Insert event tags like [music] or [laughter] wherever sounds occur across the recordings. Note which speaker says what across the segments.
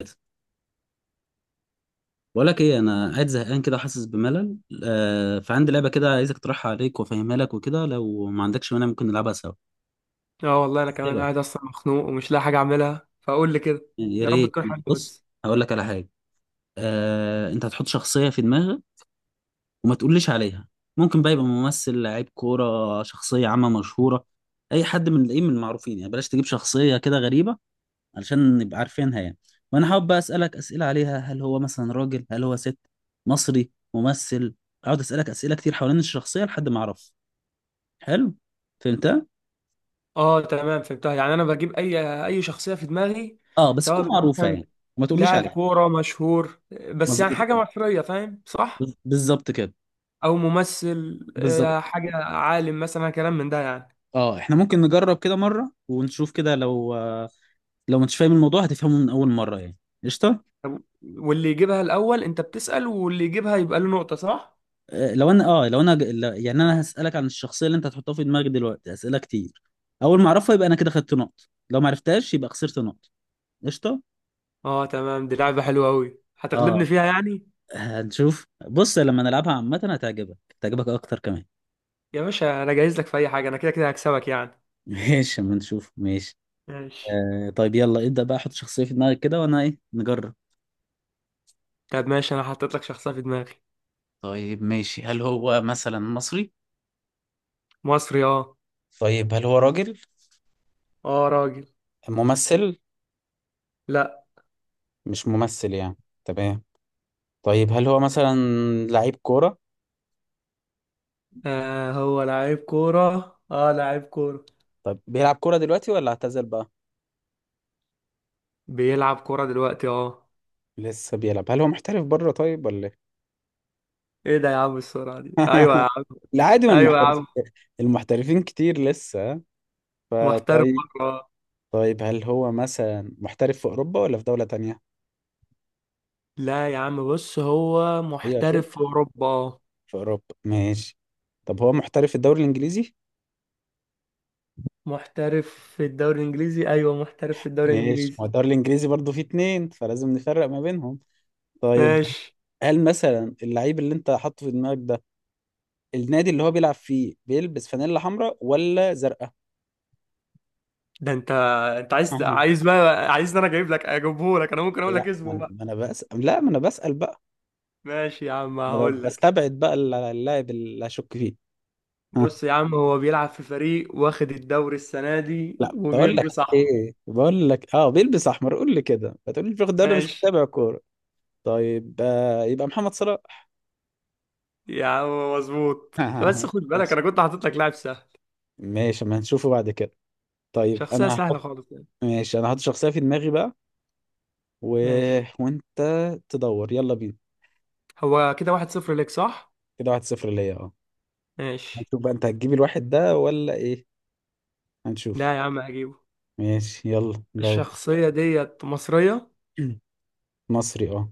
Speaker 1: بقول لك ايه؟ انا قاعد زهقان كده، حاسس بملل. فعندي لعبه كده عايزك اقترحها عليك وافهمها لك وكده. لو ما عندكش مانع، ممكن نلعبها سوا
Speaker 2: اه، والله انا كمان
Speaker 1: كده
Speaker 2: قاعد اصلا مخنوق ومش لاقي حاجه اعملها فاقول لي كده.
Speaker 1: يعني، يا
Speaker 2: يا رب
Speaker 1: ريت.
Speaker 2: تكون حاجه
Speaker 1: بص،
Speaker 2: بس.
Speaker 1: هقول لك على حاجه. انت هتحط شخصيه في دماغك وما تقوليش عليها. ممكن بقى يبقى ممثل، لعيب كوره، شخصيه عامه مشهوره، اي حد من المعروفين يعني. بلاش تجيب شخصيه كده غريبه، علشان نبقى عارفينها يعني. وانا حابب بقى اسالك اسئله عليها. هل هو مثلا راجل؟ هل هو ست؟ مصري؟ ممثل؟ اقعد اسالك اسئله كتير حوالين الشخصيه لحد ما اعرف. حلو، فهمتها؟
Speaker 2: اه، تمام فهمتها. يعني انا بجيب اي شخصيه في دماغي،
Speaker 1: اه بس
Speaker 2: سواء
Speaker 1: تكون
Speaker 2: بقى
Speaker 1: معروفه يعني،
Speaker 2: مثلا
Speaker 1: وما تقوليش
Speaker 2: لاعب
Speaker 1: عليها.
Speaker 2: كوره مشهور، بس يعني
Speaker 1: مظبوط
Speaker 2: حاجه
Speaker 1: كده.
Speaker 2: مصريه، فاهم؟ صح؟
Speaker 1: بالظبط كده،
Speaker 2: او ممثل،
Speaker 1: بالظبط.
Speaker 2: حاجه عالم مثلا، كلام من ده يعني.
Speaker 1: اه احنا ممكن نجرب كده مره ونشوف كده، لو مش فاهم الموضوع هتفهمه من اول مره يعني. قشطه.
Speaker 2: طب، واللي يجيبها الاول انت بتسأل، واللي يجيبها يبقى له نقطه، صح؟
Speaker 1: لو انا لو انا يعني انا هسالك عن الشخصيه اللي انت هتحطها في دماغك دلوقتي اسئله كتير. اول ما اعرفها يبقى انا كده خدت نقط، لو ما عرفتهاش يبقى خسرت نقط. قشطه.
Speaker 2: اه، تمام، دي لعبه حلوه قوي، هتغلبني
Speaker 1: اه
Speaker 2: فيها يعني.
Speaker 1: هنشوف، بص لما نلعبها عامه هتعجبك اكتر كمان.
Speaker 2: يا باشا انا جاهز لك في اي حاجه، انا كده كده هكسبك يعني.
Speaker 1: [laughs] ماشي، اما نشوف. ماشي.
Speaker 2: ماشي.
Speaker 1: طيب يلا، ابدا بقى، حط شخصيه في دماغك كده وانا ايه نجرب.
Speaker 2: طب ماشي، انا حطيت لك شخصية في دماغي.
Speaker 1: طيب ماشي، هل هو مثلا مصري؟
Speaker 2: مصري، اه.
Speaker 1: طيب هل هو راجل؟
Speaker 2: اه، راجل.
Speaker 1: ممثل؟
Speaker 2: لا.
Speaker 1: مش ممثل يعني. تمام. طيب هل هو مثلا لعيب كورة؟
Speaker 2: آه، هو لعيب كورة، اه لعيب كورة.
Speaker 1: طيب بيلعب كورة دلوقتي ولا اعتزل بقى؟
Speaker 2: بيلعب كورة دلوقتي، اه.
Speaker 1: لسه بيلعب؟ هل هو محترف بره طيب ولا ايه؟
Speaker 2: ايه ده يا عم؟ السرعة دي! ايوه يا
Speaker 1: [laughs]
Speaker 2: عم.
Speaker 1: لا عادي، ما
Speaker 2: ايوه يا
Speaker 1: المحترفين
Speaker 2: عم.
Speaker 1: [laughs] المحترفين كتير لسه.
Speaker 2: محترف
Speaker 1: فطيب،
Speaker 2: بره.
Speaker 1: طيب هل هو مثلا محترف في اوروبا ولا في دولة تانية؟
Speaker 2: لا يا عم، بص هو
Speaker 1: ايوه شوف،
Speaker 2: محترف في اوروبا، اه.
Speaker 1: في اوروبا ماشي. طب هو محترف في الدوري الانجليزي؟
Speaker 2: محترف. في الدوري الانجليزي، ايوه محترف في الدوري
Speaker 1: ماشي، ما
Speaker 2: الانجليزي.
Speaker 1: هو الدوري الانجليزي برضه فيه اتنين، فلازم نفرق ما بينهم. طيب
Speaker 2: ماشي.
Speaker 1: هل مثلا اللعيب اللي انت حاطه في دماغك ده، النادي اللي هو بيلعب فيه بيلبس فانيلا حمراء ولا زرقاء؟
Speaker 2: ده انت. انت عايز
Speaker 1: أها.
Speaker 2: عايز بقى عايز انا اجيبه لك. انا ممكن اقول
Speaker 1: لا
Speaker 2: لك
Speaker 1: ما
Speaker 2: اسمه
Speaker 1: انا،
Speaker 2: بقى.
Speaker 1: ما انا بسأل بقى.
Speaker 2: ماشي يا عم،
Speaker 1: انا
Speaker 2: هقول لك.
Speaker 1: بستبعد بقى اللاعب اللي اشك فيه. ها،
Speaker 2: بص يا عم، هو بيلعب في فريق واخد الدوري السنة دي
Speaker 1: لا بقول لك
Speaker 2: وبيلبس
Speaker 1: [laughs]
Speaker 2: أحمر.
Speaker 1: ايه، بقول لك اه بيلبس احمر، قول لي كده، بتقول لي الفخ ده، انا مش
Speaker 2: ماشي
Speaker 1: متابع كوره. طيب يبقى محمد صلاح.
Speaker 2: يا عم، مظبوط، بس
Speaker 1: [laughs]
Speaker 2: خد بالك
Speaker 1: ماشي،
Speaker 2: أنا كنت حاطط لك لاعب سهل.
Speaker 1: ماشي، ما هنشوفه بعد كده. طيب
Speaker 2: شخصية
Speaker 1: انا
Speaker 2: سهلة
Speaker 1: هحط،
Speaker 2: خالص يعني.
Speaker 1: ماشي انا هحط شخصيه في دماغي بقى و...
Speaker 2: ماشي.
Speaker 1: [laughs] وانت تدور، يلا بينا.
Speaker 2: هو كده واحد صفر ليك صح؟
Speaker 1: كده واحد صفر ليا، اه.
Speaker 2: ماشي.
Speaker 1: هنشوف بقى انت هتجيب الواحد ده ولا ايه، هنشوف.
Speaker 2: لا يا عم، هجيبه.
Speaker 1: ماشي يلا دور.
Speaker 2: الشخصية ديت مصرية.
Speaker 1: مصري اه.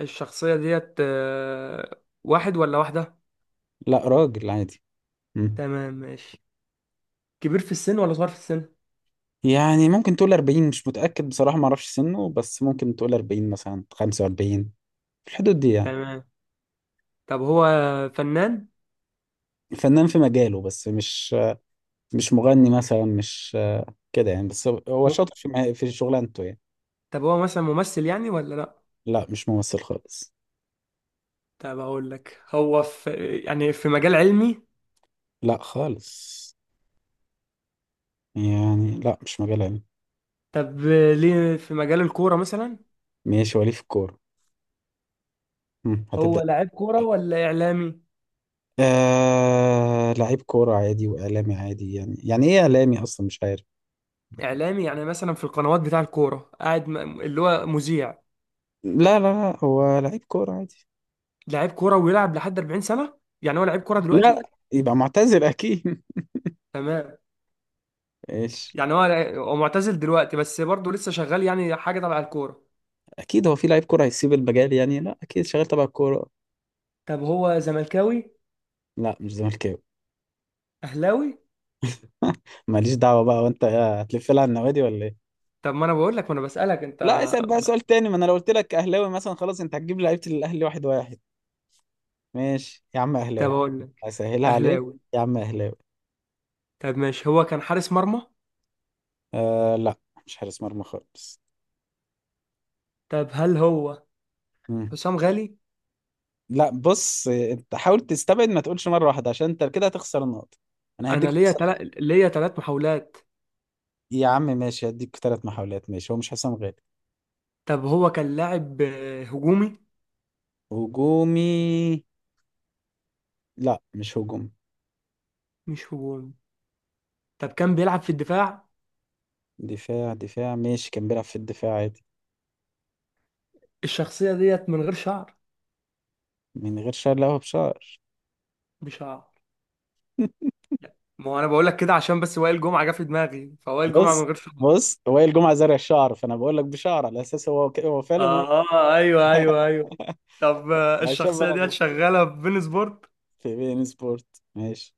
Speaker 2: الشخصية ديت واحد ولا واحدة؟
Speaker 1: لا راجل عادي. مم.
Speaker 2: تمام، ماشي. كبير في السن ولا صغير في السن؟
Speaker 1: يعني ممكن تقول 40، مش متأكد بصراحة، ما اعرفش سنه، بس ممكن تقول 40 مثلا 45، في الحدود دي يعني.
Speaker 2: تمام. طب هو فنان؟
Speaker 1: فنان في مجاله، بس مش مغني مثلا، مش كده يعني، بس هو
Speaker 2: م-
Speaker 1: شاطر في في شغلانته يعني.
Speaker 2: طب هو مثلا ممثل يعني ولا لأ؟
Speaker 1: لا مش ممثل خالص.
Speaker 2: طب اقول لك، هو في يعني في مجال علمي؟
Speaker 1: لا خالص، يعني لا مش مجال علمي.
Speaker 2: طب، ليه في مجال الكورة مثلا؟
Speaker 1: ماشي، وليه في الكورة. هتبدأ
Speaker 2: هو لاعب كورة
Speaker 1: إزاي؟
Speaker 2: ولا اعلامي؟
Speaker 1: لعيب كورة عادي وإعلامي عادي يعني إيه إعلامي أصلا، مش عارف.
Speaker 2: اعلامي، يعني مثلا في القنوات بتاع الكورة قاعد، اللي هو مذيع؟
Speaker 1: لا لا لا، هو لعيب كورة عادي.
Speaker 2: لاعب كورة ويلعب لحد 40 سنة؟ يعني هو لاعب كورة
Speaker 1: لا،
Speaker 2: دلوقتي؟
Speaker 1: يبقى معتزل أكيد.
Speaker 2: تمام.
Speaker 1: [laughs] ايش.
Speaker 2: يعني هو معتزل دلوقتي، بس برضه لسه شغال يعني حاجة تبع الكورة.
Speaker 1: اكيد هو في لعيب كوره هيسيب المجال يعني؟ لا اكيد شغال تبع الكوره.
Speaker 2: طب هو زملكاوي؟
Speaker 1: لا مش زملكاوي.
Speaker 2: اهلاوي؟
Speaker 1: [laughs] ماليش دعوه بقى، وانت إيه، هتلف لها على النوادي ولا ايه.
Speaker 2: طب، ما انا بقول لك، ما انا بسألك انت.
Speaker 1: لا اسال بقى سؤال تاني، ما انا لو قلت لك اهلاوي مثلا خلاص انت هتجيب لعيبه الاهلي واحد واحد. ماشي يا عم
Speaker 2: طب
Speaker 1: اهلاوي.
Speaker 2: اقول لك.
Speaker 1: اسهلها عليك.
Speaker 2: اهلاوي.
Speaker 1: يا عم اهلاوي.
Speaker 2: طب ماشي، هو كان حارس مرمى؟
Speaker 1: لا مش حارس مرمى خالص.
Speaker 2: طب، هل هو
Speaker 1: مم.
Speaker 2: حسام غالي؟
Speaker 1: لا بص، انت حاول تستبعد، ما تقولش مره واحده، عشان انت كده هتخسر النقطه. انا هديك
Speaker 2: انا ليا
Speaker 1: فرصه.
Speaker 2: تلات ليا تلات محاولات.
Speaker 1: يا عم ماشي، هديك ثلاث محاولات، ماشي. هو مش حسام غالي.
Speaker 2: طب هو كان لاعب هجومي؟
Speaker 1: هجومي؟ لا مش هجومي.
Speaker 2: مش هجومي. طب كان بيلعب في الدفاع؟
Speaker 1: دفاع دفاع، ماشي كان بيلعب في الدفاع عادي.
Speaker 2: الشخصية ديت من غير شعر؟
Speaker 1: من غير شعر؟ لا هو بشعر.
Speaker 2: بشعر؟
Speaker 1: [laughs]
Speaker 2: لا، ما هو انا بقول لك كده عشان بس وائل جمعة جه في دماغي، فوائل جمعة من
Speaker 1: بص
Speaker 2: غير شعر.
Speaker 1: بص، وائل جمعة زرع الشعر، فانا بقول لك بشعر على اساس هو فعلا
Speaker 2: اه، ايوه، ايوه، ايوه. طب،
Speaker 1: [laughs] عشان
Speaker 2: الشخصية ديت
Speaker 1: بلغ
Speaker 2: شغالة في بين سبورت؟
Speaker 1: في بي ان سبورت. ماشي.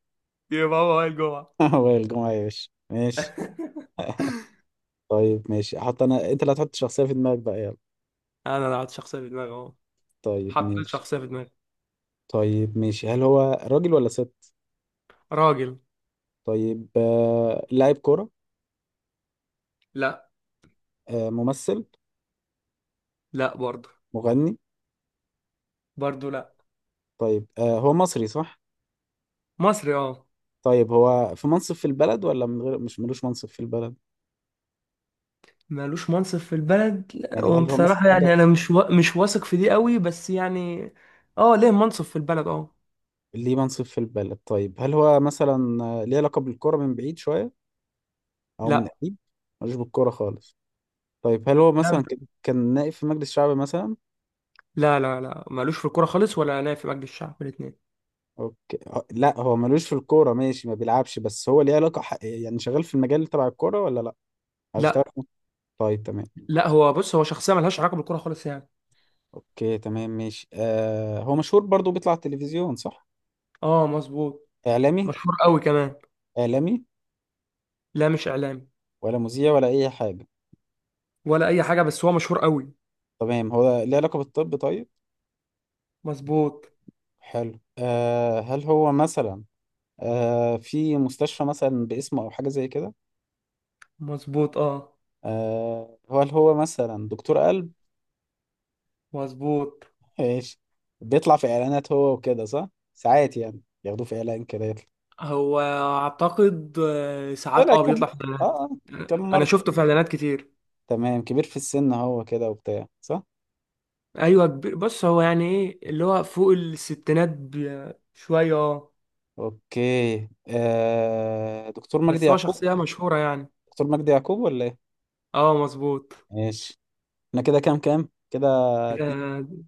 Speaker 2: يبقى هو وائل جمعة.
Speaker 1: [laughs] وائل جمعة يا باشا، ماشي. [laughs] طيب ماشي، احط انا انت اللي هتحط شخصية في دماغك بقى، يلا.
Speaker 2: انا لعبت شخصية في دماغي اهو.
Speaker 1: طيب
Speaker 2: حطيت
Speaker 1: ماشي.
Speaker 2: شخصية في دماغي.
Speaker 1: طيب ماشي، هل هو راجل ولا ست؟
Speaker 2: راجل.
Speaker 1: طيب لاعب كورة؟
Speaker 2: لا.
Speaker 1: ممثل؟
Speaker 2: لا برضه.
Speaker 1: مغني؟
Speaker 2: برضه لا.
Speaker 1: طيب هو مصري صح؟
Speaker 2: مصري، اه.
Speaker 1: طيب هو في منصب في البلد ولا من غير، مش ملوش منصب في البلد.
Speaker 2: مالوش منصب في البلد، لا،
Speaker 1: يعني هل هو مثلا
Speaker 2: وبصراحة
Speaker 1: حد
Speaker 2: يعني أنا مش واثق في دي قوي بس يعني. اه، ليه منصب في البلد، اه.
Speaker 1: ليه منصب في البلد؟ طيب هل هو مثلا، ليه علاقة بالكرة من بعيد شوية او من
Speaker 2: لا.
Speaker 1: قريب؟ ملوش بالكرة خالص؟ طيب هل هو
Speaker 2: لا،
Speaker 1: مثلا كان نائب في مجلس شعب مثلا؟
Speaker 2: لا، لا، لا، مالوش في الكورة خالص، ولا أنا في مجلس الشعب، الاتنين.
Speaker 1: اوكي، لا هو ملوش في الكورة ماشي ما بيلعبش، بس هو ليه علاقة يعني شغال في المجال تبع الكورة ولا لا؟ او اشتغل
Speaker 2: لا.
Speaker 1: في... طيب تمام.
Speaker 2: لا، هو بص، هو شخصية ملهاش علاقة بالكورة خالص يعني.
Speaker 1: اوكي تمام ماشي، آه هو مشهور برضو، بيطلع على التلفزيون صح؟
Speaker 2: اه، مظبوط.
Speaker 1: اعلامي؟
Speaker 2: مشهور قوي كمان.
Speaker 1: اعلامي؟
Speaker 2: لا، مش إعلامي.
Speaker 1: ولا مذيع، ولا اي حاجة؟
Speaker 2: ولا أي حاجة، بس هو مشهور قوي.
Speaker 1: تمام، هو ليه علاقة بالطب طيب؟
Speaker 2: مظبوط.
Speaker 1: حلو، آه هل هو مثلا، آه في مستشفى مثلا باسمه أو حاجة زي كده؟
Speaker 2: مظبوط، اه.
Speaker 1: آه هل هو مثلا دكتور قلب؟
Speaker 2: مظبوط.
Speaker 1: ماشي. بيطلع في إعلانات هو وكده صح؟ ساعات يعني ياخدوه في إعلان كده يطلع.
Speaker 2: هو أعتقد، ساعات
Speaker 1: طلع كم،
Speaker 2: بيطلع في
Speaker 1: آه
Speaker 2: إعلانات.
Speaker 1: آه، كم
Speaker 2: أنا
Speaker 1: مرة؟
Speaker 2: شفته في إعلانات كتير.
Speaker 1: تمام، كبير في السن هو كده وبتاع صح؟
Speaker 2: ايوه كبير، بص هو يعني ايه اللي هو فوق الستينات شويه، اه.
Speaker 1: أوكي، دكتور مجدي
Speaker 2: بس هو
Speaker 1: يعقوب.
Speaker 2: شخصيه مشهوره يعني.
Speaker 1: دكتور مجدي يعقوب ولا إيه؟
Speaker 2: اه، مظبوط.
Speaker 1: ماشي. احنا كده كام، كام كده، اتنين.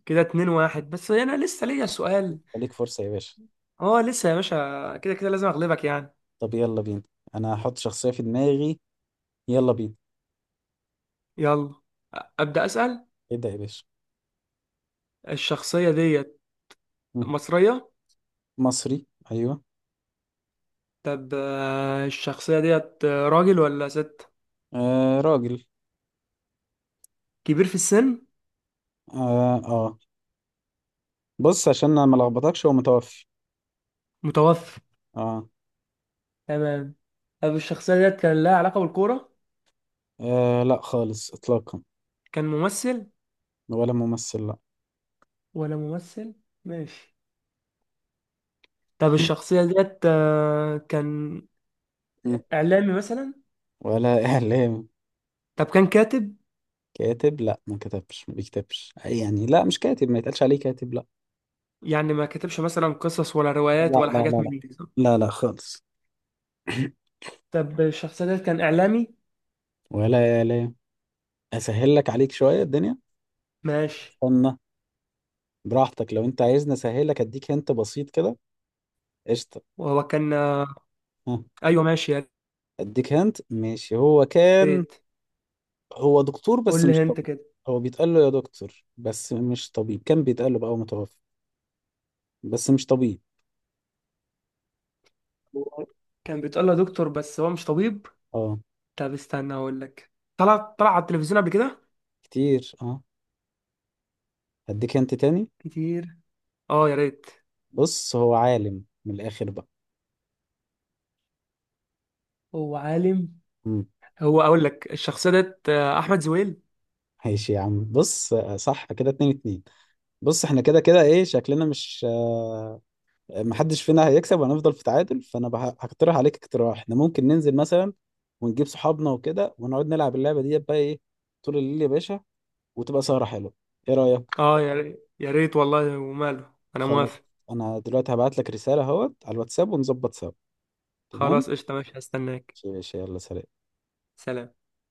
Speaker 2: كده اتنين واحد، بس انا لسه ليا سؤال.
Speaker 1: ليك فرصة يا باشا.
Speaker 2: اه، لسه يا باشا كده كده لازم اغلبك يعني.
Speaker 1: طب يلا بينا، انا هحط شخصية في دماغي، يلا بينا.
Speaker 2: يلا. ابدا اسال.
Speaker 1: ابدأ يا باشا.
Speaker 2: الشخصيه ديت
Speaker 1: مم.
Speaker 2: مصريه.
Speaker 1: مصري، ايوه.
Speaker 2: طب، الشخصيه ديت راجل ولا ست؟
Speaker 1: آه راجل.
Speaker 2: كبير في السن؟
Speaker 1: آه, اه بص عشان انا ما لخبطكش هو متوفي.
Speaker 2: متوفى؟
Speaker 1: آه.
Speaker 2: تمام. طب الشخصيه ديت كان لها علاقه بالكوره؟
Speaker 1: اه لا خالص، اطلاقا.
Speaker 2: كان ممثل؟
Speaker 1: ولا ممثل، لا.
Speaker 2: ولا ممثل. ماشي. طب الشخصية ديت كان
Speaker 1: مم.
Speaker 2: إعلامي مثلا؟
Speaker 1: ولا [laughs] اعلام.
Speaker 2: طب كان كاتب؟
Speaker 1: كاتب؟ لا، ما كتبش، ما بيكتبش أي يعني، لا مش كاتب، ما يتقالش عليه كاتب، لا.
Speaker 2: يعني ما كتبش مثلا قصص ولا روايات
Speaker 1: لا
Speaker 2: ولا
Speaker 1: لا لا.
Speaker 2: حاجات
Speaker 1: لا
Speaker 2: من دي صح؟
Speaker 1: لا لا خالص. [clears throat]
Speaker 2: طب الشخصية ديت كان إعلامي؟
Speaker 1: ولا اعلام. اسهل لك عليك شوية الدنيا.
Speaker 2: ماشي.
Speaker 1: استنى، براحتك لو انت عايزني اسهل لك. اديك انت، بسيط كده. قشطة.
Speaker 2: وهو كان.
Speaker 1: ها.
Speaker 2: أيوه ماشي يا
Speaker 1: اديك هنت، ماشي. هو كان،
Speaker 2: ريت.
Speaker 1: هو دكتور بس
Speaker 2: قول
Speaker 1: مش
Speaker 2: لي أنت
Speaker 1: طبيب.
Speaker 2: كده.
Speaker 1: هو بيتقال له يا دكتور بس مش طبيب، كان بيتقال له بقى، هو متوفى، بس مش طبيب.
Speaker 2: هو كان بيتقال له دكتور، بس هو مش طبيب.
Speaker 1: اه
Speaker 2: طب استنى أقول لك، طلع على التلفزيون قبل كده؟
Speaker 1: كتير، اه. اديك هنت تاني.
Speaker 2: كتير. أه يا ريت.
Speaker 1: بص هو عالم من الاخر بقى.
Speaker 2: هو عالم؟
Speaker 1: امم
Speaker 2: هو، أقول لك الشخصية ديت أحمد زويل.
Speaker 1: ماشي يا عم، بص صح، كده اتنين اتنين. بص احنا كده كده ايه شكلنا، مش محدش فينا هيكسب، وهنفضل في تعادل. فانا هقترح عليك اقتراح، احنا ممكن ننزل مثلا ونجيب صحابنا وكده، ونقعد نلعب اللعبة دي بقى ايه طول الليل يا باشا، وتبقى سهرة حلوة. ايه رأيك؟
Speaker 2: أه، يا ريت، يا ريت والله وماله، أنا
Speaker 1: خلاص.
Speaker 2: موافق.
Speaker 1: انا دلوقتي هبعت لك رسالة اهوت على الواتساب ونظبط سوا. تمام.
Speaker 2: خلاص، قشطة، ماشي، هستناك.
Speaker 1: ماشي يلا سلام.
Speaker 2: سلام.